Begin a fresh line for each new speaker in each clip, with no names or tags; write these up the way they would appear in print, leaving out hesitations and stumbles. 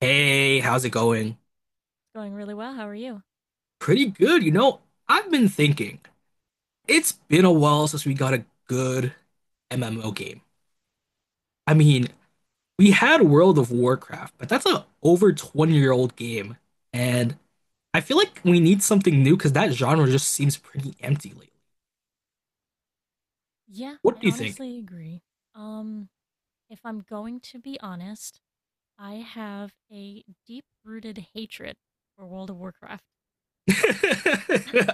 Hey, how's it going?
Going really well. How are you?
Pretty good, you know. I've been thinking. It's been a while since we got a good MMO game. I mean, we had World of Warcraft, but that's a over 20-year-old game. And I feel like we need something new because that genre just seems pretty empty lately.
Yeah,
What
I
do you think?
honestly agree. Um, if I'm going to be honest, I have a deep-rooted hatred for World of Warcraft.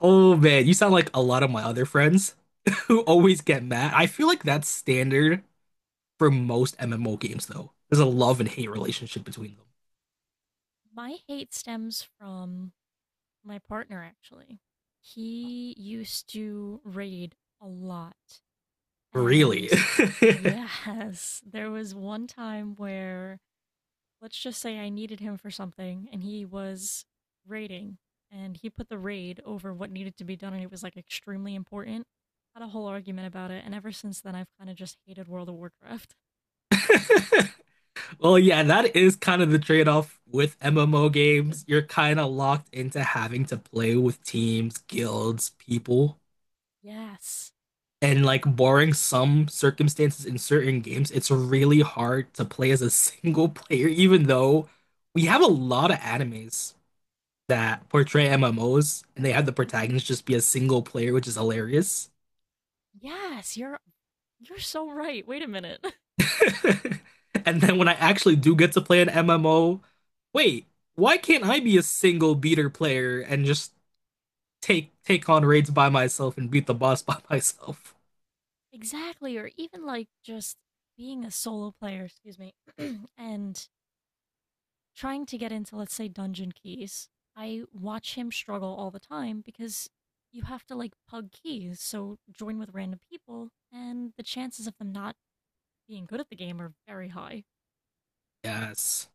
Oh man, you sound like a lot of my other friends who always get mad. I feel like that's standard for most MMO games, though. There's a love and hate relationship between them.
My hate stems from my partner, actually. He used to raid a lot.
Really?
And yes, there was one time where let's just say I needed him for something and he was raiding and he put the raid over what needed to be done and it was like extremely important. Had a whole argument about it, and ever since then I've kind of just hated World of Warcraft.
Well, yeah, that is kind of the trade-off with MMO games. You're kind of locked into having to play with teams, guilds, people.
Yes.
And like barring some circumstances in certain games, it's really hard to play as a single player, even though we have a lot of animes that portray MMOs and they have the
Hmm.
protagonist just be a single player, which is hilarious.
Yes, you're so right. Wait a minute.
And then when I actually do get to play an MMO, wait, why can't I be a single beater player and just take on raids by myself and beat the boss by myself?
Exactly, or even like just being a solo player, excuse me, and trying to get into, let's say, dungeon keys, I watch him struggle all the time because you have to like pug keys, so join with random people, and the chances of them not being good at the game are very high.
Yes.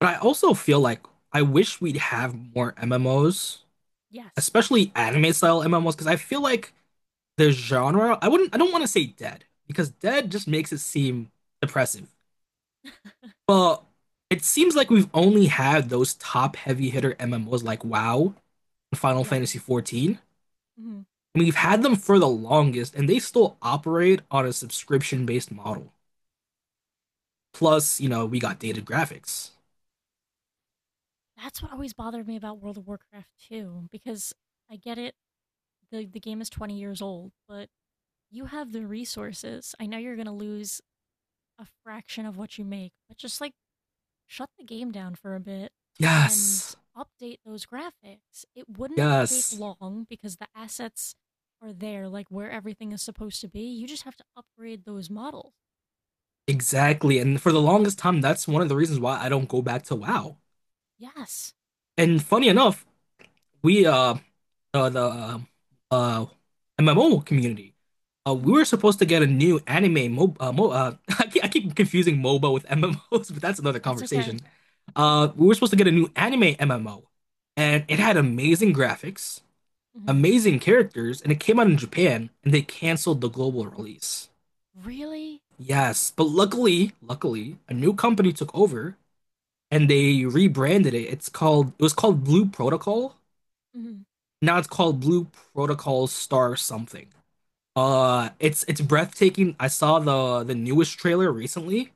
But I also feel like I wish we'd have more MMOs,
Yes.
especially anime style MMOs, because I feel like the genre, I don't want to say dead, because dead just makes it seem depressive. But it seems like we've only had those top heavy hitter MMOs like WoW Final
Yes.
Fantasy 14.
Hmm.
I mean, we've had them for the longest, and they still operate on a subscription-based model. Plus, you know, we got dated graphics.
That's what always bothered me about World of Warcraft 2, because I get it, the game is 20 years old, but you have the resources. I know you're going to lose a fraction of what you make, but just like shut the game down for a bit and
Yes,
update those graphics. It wouldn't take
yes,
long because the assets are there, like where everything is supposed to be. You just have to upgrade those models.
exactly. And for the longest time, that's one of the reasons why I don't go back to WoW.
Yes.
And funny enough, we the uh, MMO community. We
Hmm.
were supposed to get a new anime mo, mo I keep confusing MOBA with MMOs, but that's another
That's okay.
conversation. We were supposed to get a new anime MMO, and it had amazing graphics,
Hmm.
amazing characters, and it came out in Japan, and they canceled the global release.
Really?
Yes, but luckily, a new company took over and they rebranded it. It was called Blue Protocol.
Hmm.
Now it's called Blue Protocol Star something. It's breathtaking. I saw the newest trailer recently,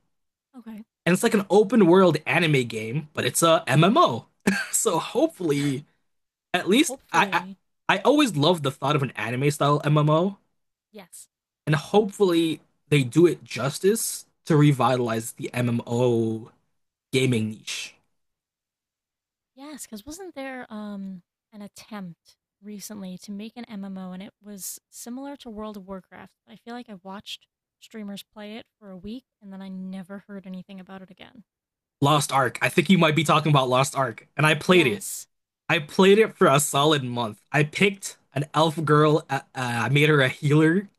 Okay.
and it's like an open world anime game, but it's a MMO. So hopefully, at least
Hopefully,
I always love the thought of an anime style MMO,
yes.
and hopefully they do it justice to revitalize the MMO gaming niche.
Yes, because 'cause wasn't there, an attempt recently to make an MMO, and it was similar to World of Warcraft, but I feel like I watched streamers play it for a week, and then I never heard anything about it again.
Lost Ark. I think you might be talking about Lost Ark, and I played it.
Yes.
I played it for a solid month. I picked an elf girl. I made her a healer.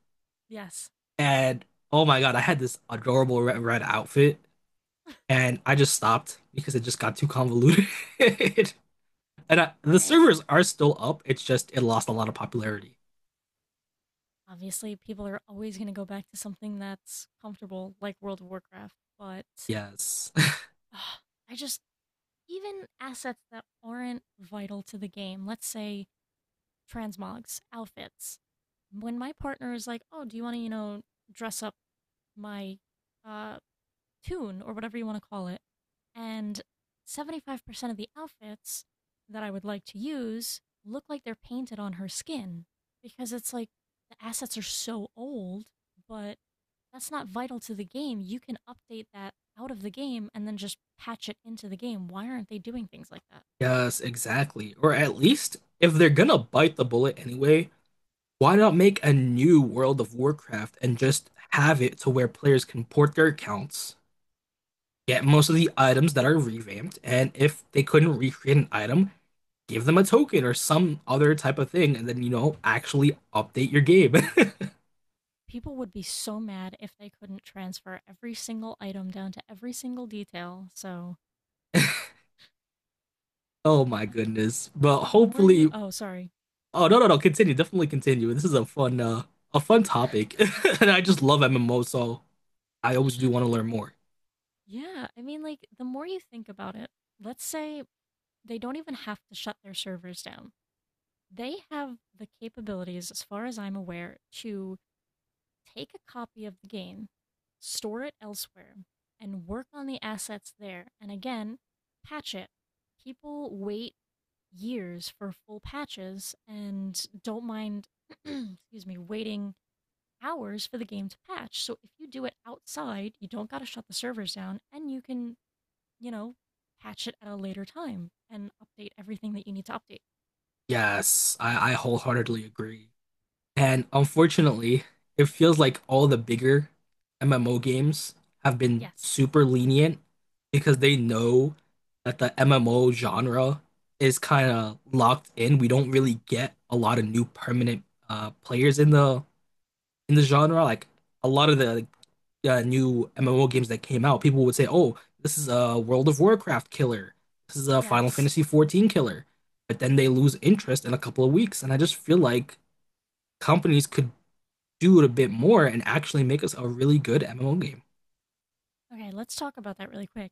Yes.
And oh my God, I had this adorable red outfit, and I just stopped because it just got too convoluted. And the
Yeah, it
servers are still up. It lost a lot of popularity.
obviously, people are always gonna go back to something that's comfortable, like World of Warcraft, but,
Yes,
ah, I just even assets that aren't vital to the game, let's say transmogs, outfits. When my partner is like, "Oh, do you wanna, you know, dress up my uh, tune or whatever you want to call it." And 75% of the outfits that I would like to use look like they're painted on her skin because it's like the assets are so old, but that's not vital to the game. You can update that out of the game and then just patch it into the game. Why aren't they doing things like that?
yes, exactly. Or at least if they're gonna bite the bullet anyway, why not make a new World of Warcraft and just have it to where players can port their accounts, get most of the items that are revamped, and if they couldn't recreate an item, give them a token or some other type of thing, and then, you know, actually update your game.
People would be so mad if they couldn't transfer every single item down to every single detail. So,
Oh my
but the,
goodness. But
the more you,
hopefully,
oh, sorry.
oh no, continue. Definitely continue. This is a a fun topic. And I just love MMO, so I always do want to learn more.
Yeah, I mean, like, the more you think about it, let's say they don't even have to shut their servers down. They have the capabilities, as far as I'm aware, to take a copy of the game, store it elsewhere, and work on the assets there. And again, patch it. People wait years for full patches and don't mind, excuse me, waiting hours for the game to patch. So if you do it outside, you don't got to shut the servers down and you can, you know, patch it at a later time and update everything that you need to update.
Yes, I wholeheartedly agree. And unfortunately, it feels like all the bigger MMO games have been
Yes.
super lenient because they know that the MMO genre is kind of locked in. We don't really get a lot of new permanent players in the genre. Like a lot of the like, New MMO games that came out, people would say, "Oh, this is a World of Warcraft killer. This is a Final
Yes.
Fantasy 14 killer." But then they lose interest in a couple of weeks, and I just feel like companies could do it a bit more and actually make us a really good MMO game.
Okay, let's talk about that really quick.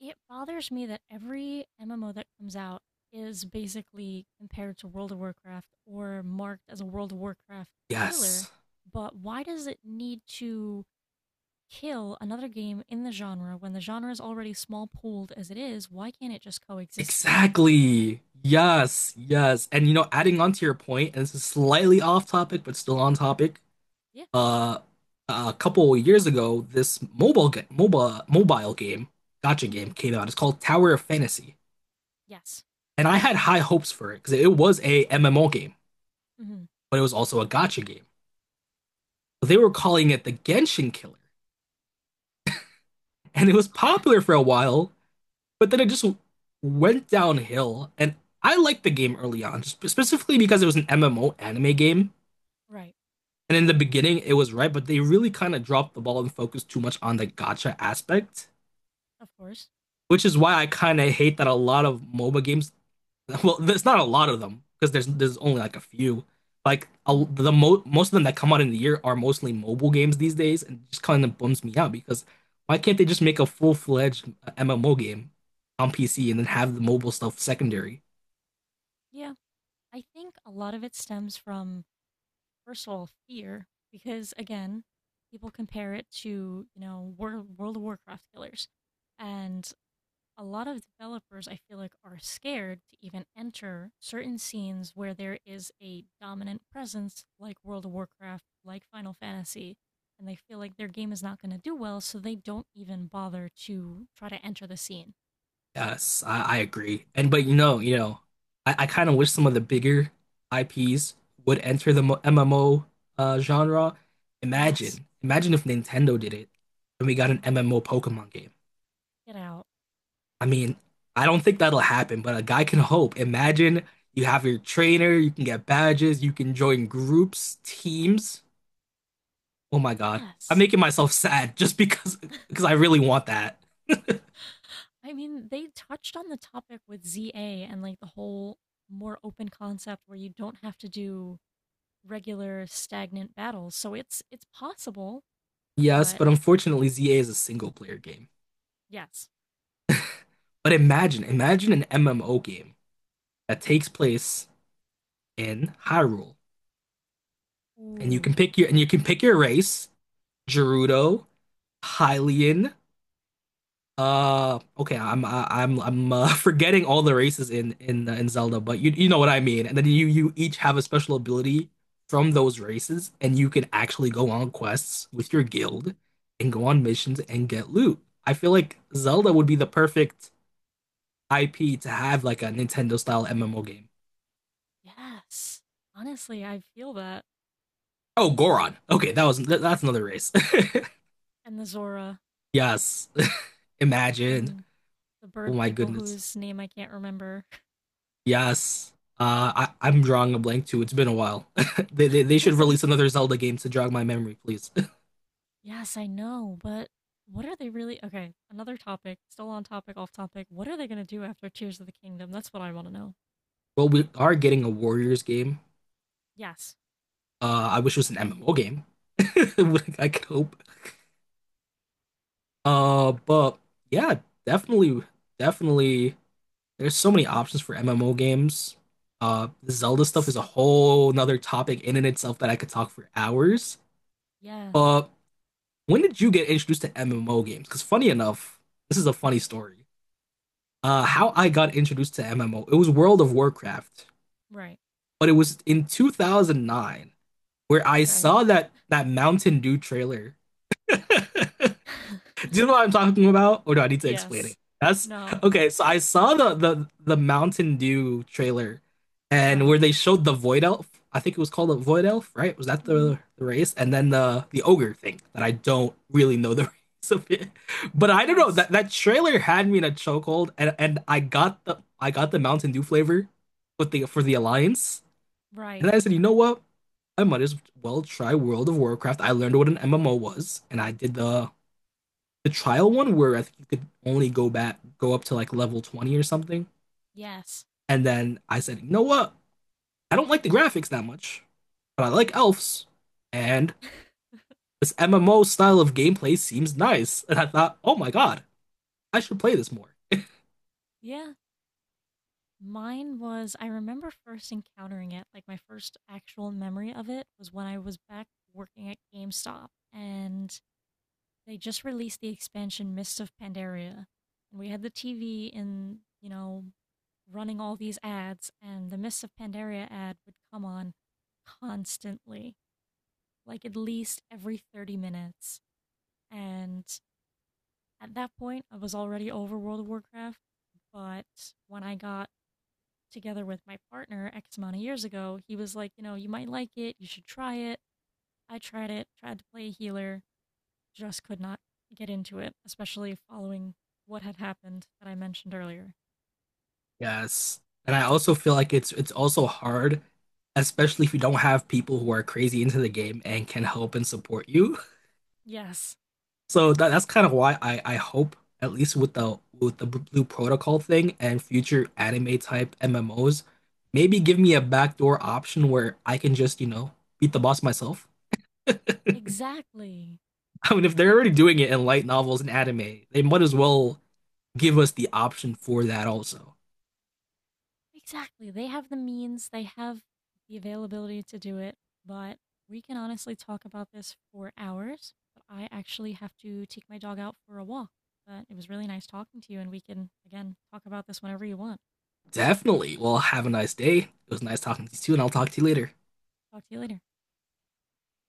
It bothers me that every MMO that comes out is basically compared to World of Warcraft or marked as a World of Warcraft killer,
Yes,
but why does it need to kill another game in the genre when the genre is already small pooled as it is? Why can't it just coexist with it?
exactly. Yes. And you know, adding on to your point, and this is slightly off topic, but still on topic.
Yeah.
Uh, a couple of years ago, this mobile ga- mobile mobile game, gotcha game
Mm-hmm.
came out. It's called Tower of Fantasy,
Yes.
and I had high hopes for it because it was a MMO game,
Mm-hmm.
but it was also a gotcha game. They were
Of course.
calling it the Genshin Killer, and it was popular for a while but then it just went downhill. And I liked the game early on, specifically because it was an MMO anime game.
Right.
And in the beginning, it was right, but they really kind of dropped the ball and focused too much on the gacha aspect,
Of course.
which is why I kind of hate that a lot of MOBA games. Well, there's not a lot of them because there's only like a few.
Mm-hmm.
Most of them that come out in the year are mostly mobile games these days, and just kind of bums me out because why can't they just make a full fledged MMO game on PC and then have the mobile stuff secondary?
Yeah. I think a lot of it stems from, first of all, fear, because again, people compare it to, you know, World of Warcraft killers. And a lot of developers, I feel like, are scared to even enter certain scenes where there is a dominant presence, like World of Warcraft, like Final Fantasy, and they feel like their game is not going to do well, so they don't even bother to try to enter the scene.
Yes, I agree. And but you know, I kind of wish some of the bigger IPs would enter the MMO genre.
Yes,
Imagine if Nintendo did it and we got an MMO Pokemon game.
get out.
I mean, I don't think that'll happen, but a guy can hope. Imagine you have your trainer, you can get badges, you can join groups, teams. Oh my God, I'm
Yes.
making myself sad just because I really want that.
I mean, they touched on the topic with ZA and like the whole more open concept where you don't have to do regular stagnant battles. So it's possible,
Yes,
but
but unfortunately, ZA is a single player game.
yes.
But imagine an MMO game that takes place in Hyrule, and
Ooh,
you can pick your race, Gerudo, Hylian. Okay, I'm I- am I I'm forgetting all the races in in Zelda, but you know what I mean. And then you each have a special ability from those races, and you can actually go on quests with your guild and go on missions and get loot. I feel like Zelda would be the perfect IP to have like a Nintendo style MMO game.
yes. Honestly, I feel that.
Oh, Goron. Okay, that's another race.
And the Zora
yes. Imagine.
and the
Oh
bird
my
people
goodness.
whose name I can't remember.
Yes. I'm drawing a blank too. It's been a while. They should release another Zelda game to jog my memory, please.
Yes, I know, but what are they really. Okay, another topic, still on topic, off topic. What are they going to do after Tears of the Kingdom? That's what I want to know.
well, we are getting a Warriors game.
Yes.
I wish it was an MMO game. I could hope. But Yeah, definitely, definitely. There's so many options for MMO games. The Zelda stuff is
Yes.
a whole nother topic in and itself that I could talk for hours.
Yes.
But When did you get introduced to MMO games? Because funny enough, this is a funny story. How I got introduced to MMO, it was World of Warcraft,
Right.
but it was in 2009 where I
Okay.
saw that Mountain Dew trailer. Do you know what I'm talking about, or do I need to explain
Yes.
it? That's
No.
okay. So I saw the Mountain Dew trailer, and
Right.
where they showed the Void Elf. I think it was called a Void Elf, right? Was that
Mm-hmm.
the race? And then the ogre thing that I don't really know the race of it, but I don't know
Yes.
that that trailer had me in a chokehold, and I got the Mountain Dew flavor, but the for the Alliance,
Right.
and I said, you know what? I might as well try World of Warcraft. I learned what an MMO was, and I did the trial one where I think you could only go up to like level 20 or something.
Yes.
And then I said, you know what? I don't like the graphics that much, but I like elves. And this MMO style of gameplay seems nice. And I thought, oh my God, I should play this more.
Yeah. Mine was, I remember first encountering it, like my first actual memory of it was when I was back working at GameStop and they just released the expansion Mists of Pandaria. And we had the TV in, you know, running all these ads, and the Mists of Pandaria ad would come on constantly, like at least every 30 minutes. And at that point, I was already over World of Warcraft. But when I got together with my partner X amount of years ago, he was like, you know, you might like it, you should try it. I tried it, tried to play a healer, just could not get into it, especially following what had happened that I mentioned earlier.
Yes. And I also feel like it's also hard, especially if you don't have people who are crazy into the game and can help and support you.
Yes,
So that's kind of why I hope at least with the Blue Protocol thing and future anime type MMOs, maybe give me a backdoor option where I can just, you know, beat the boss myself.
exactly.
I mean, if they're already doing it in light novels and anime, they might as well give us the option for that also.
Exactly. They have the means, they have the availability to do it, but we can honestly talk about this for hours. But I actually have to take my dog out for a walk. But it was really nice talking to you, and we can, again, talk about this whenever you want.
Definitely. Well, have a nice day. It was nice talking to you, too, and I'll talk to you later.
Talk to you later.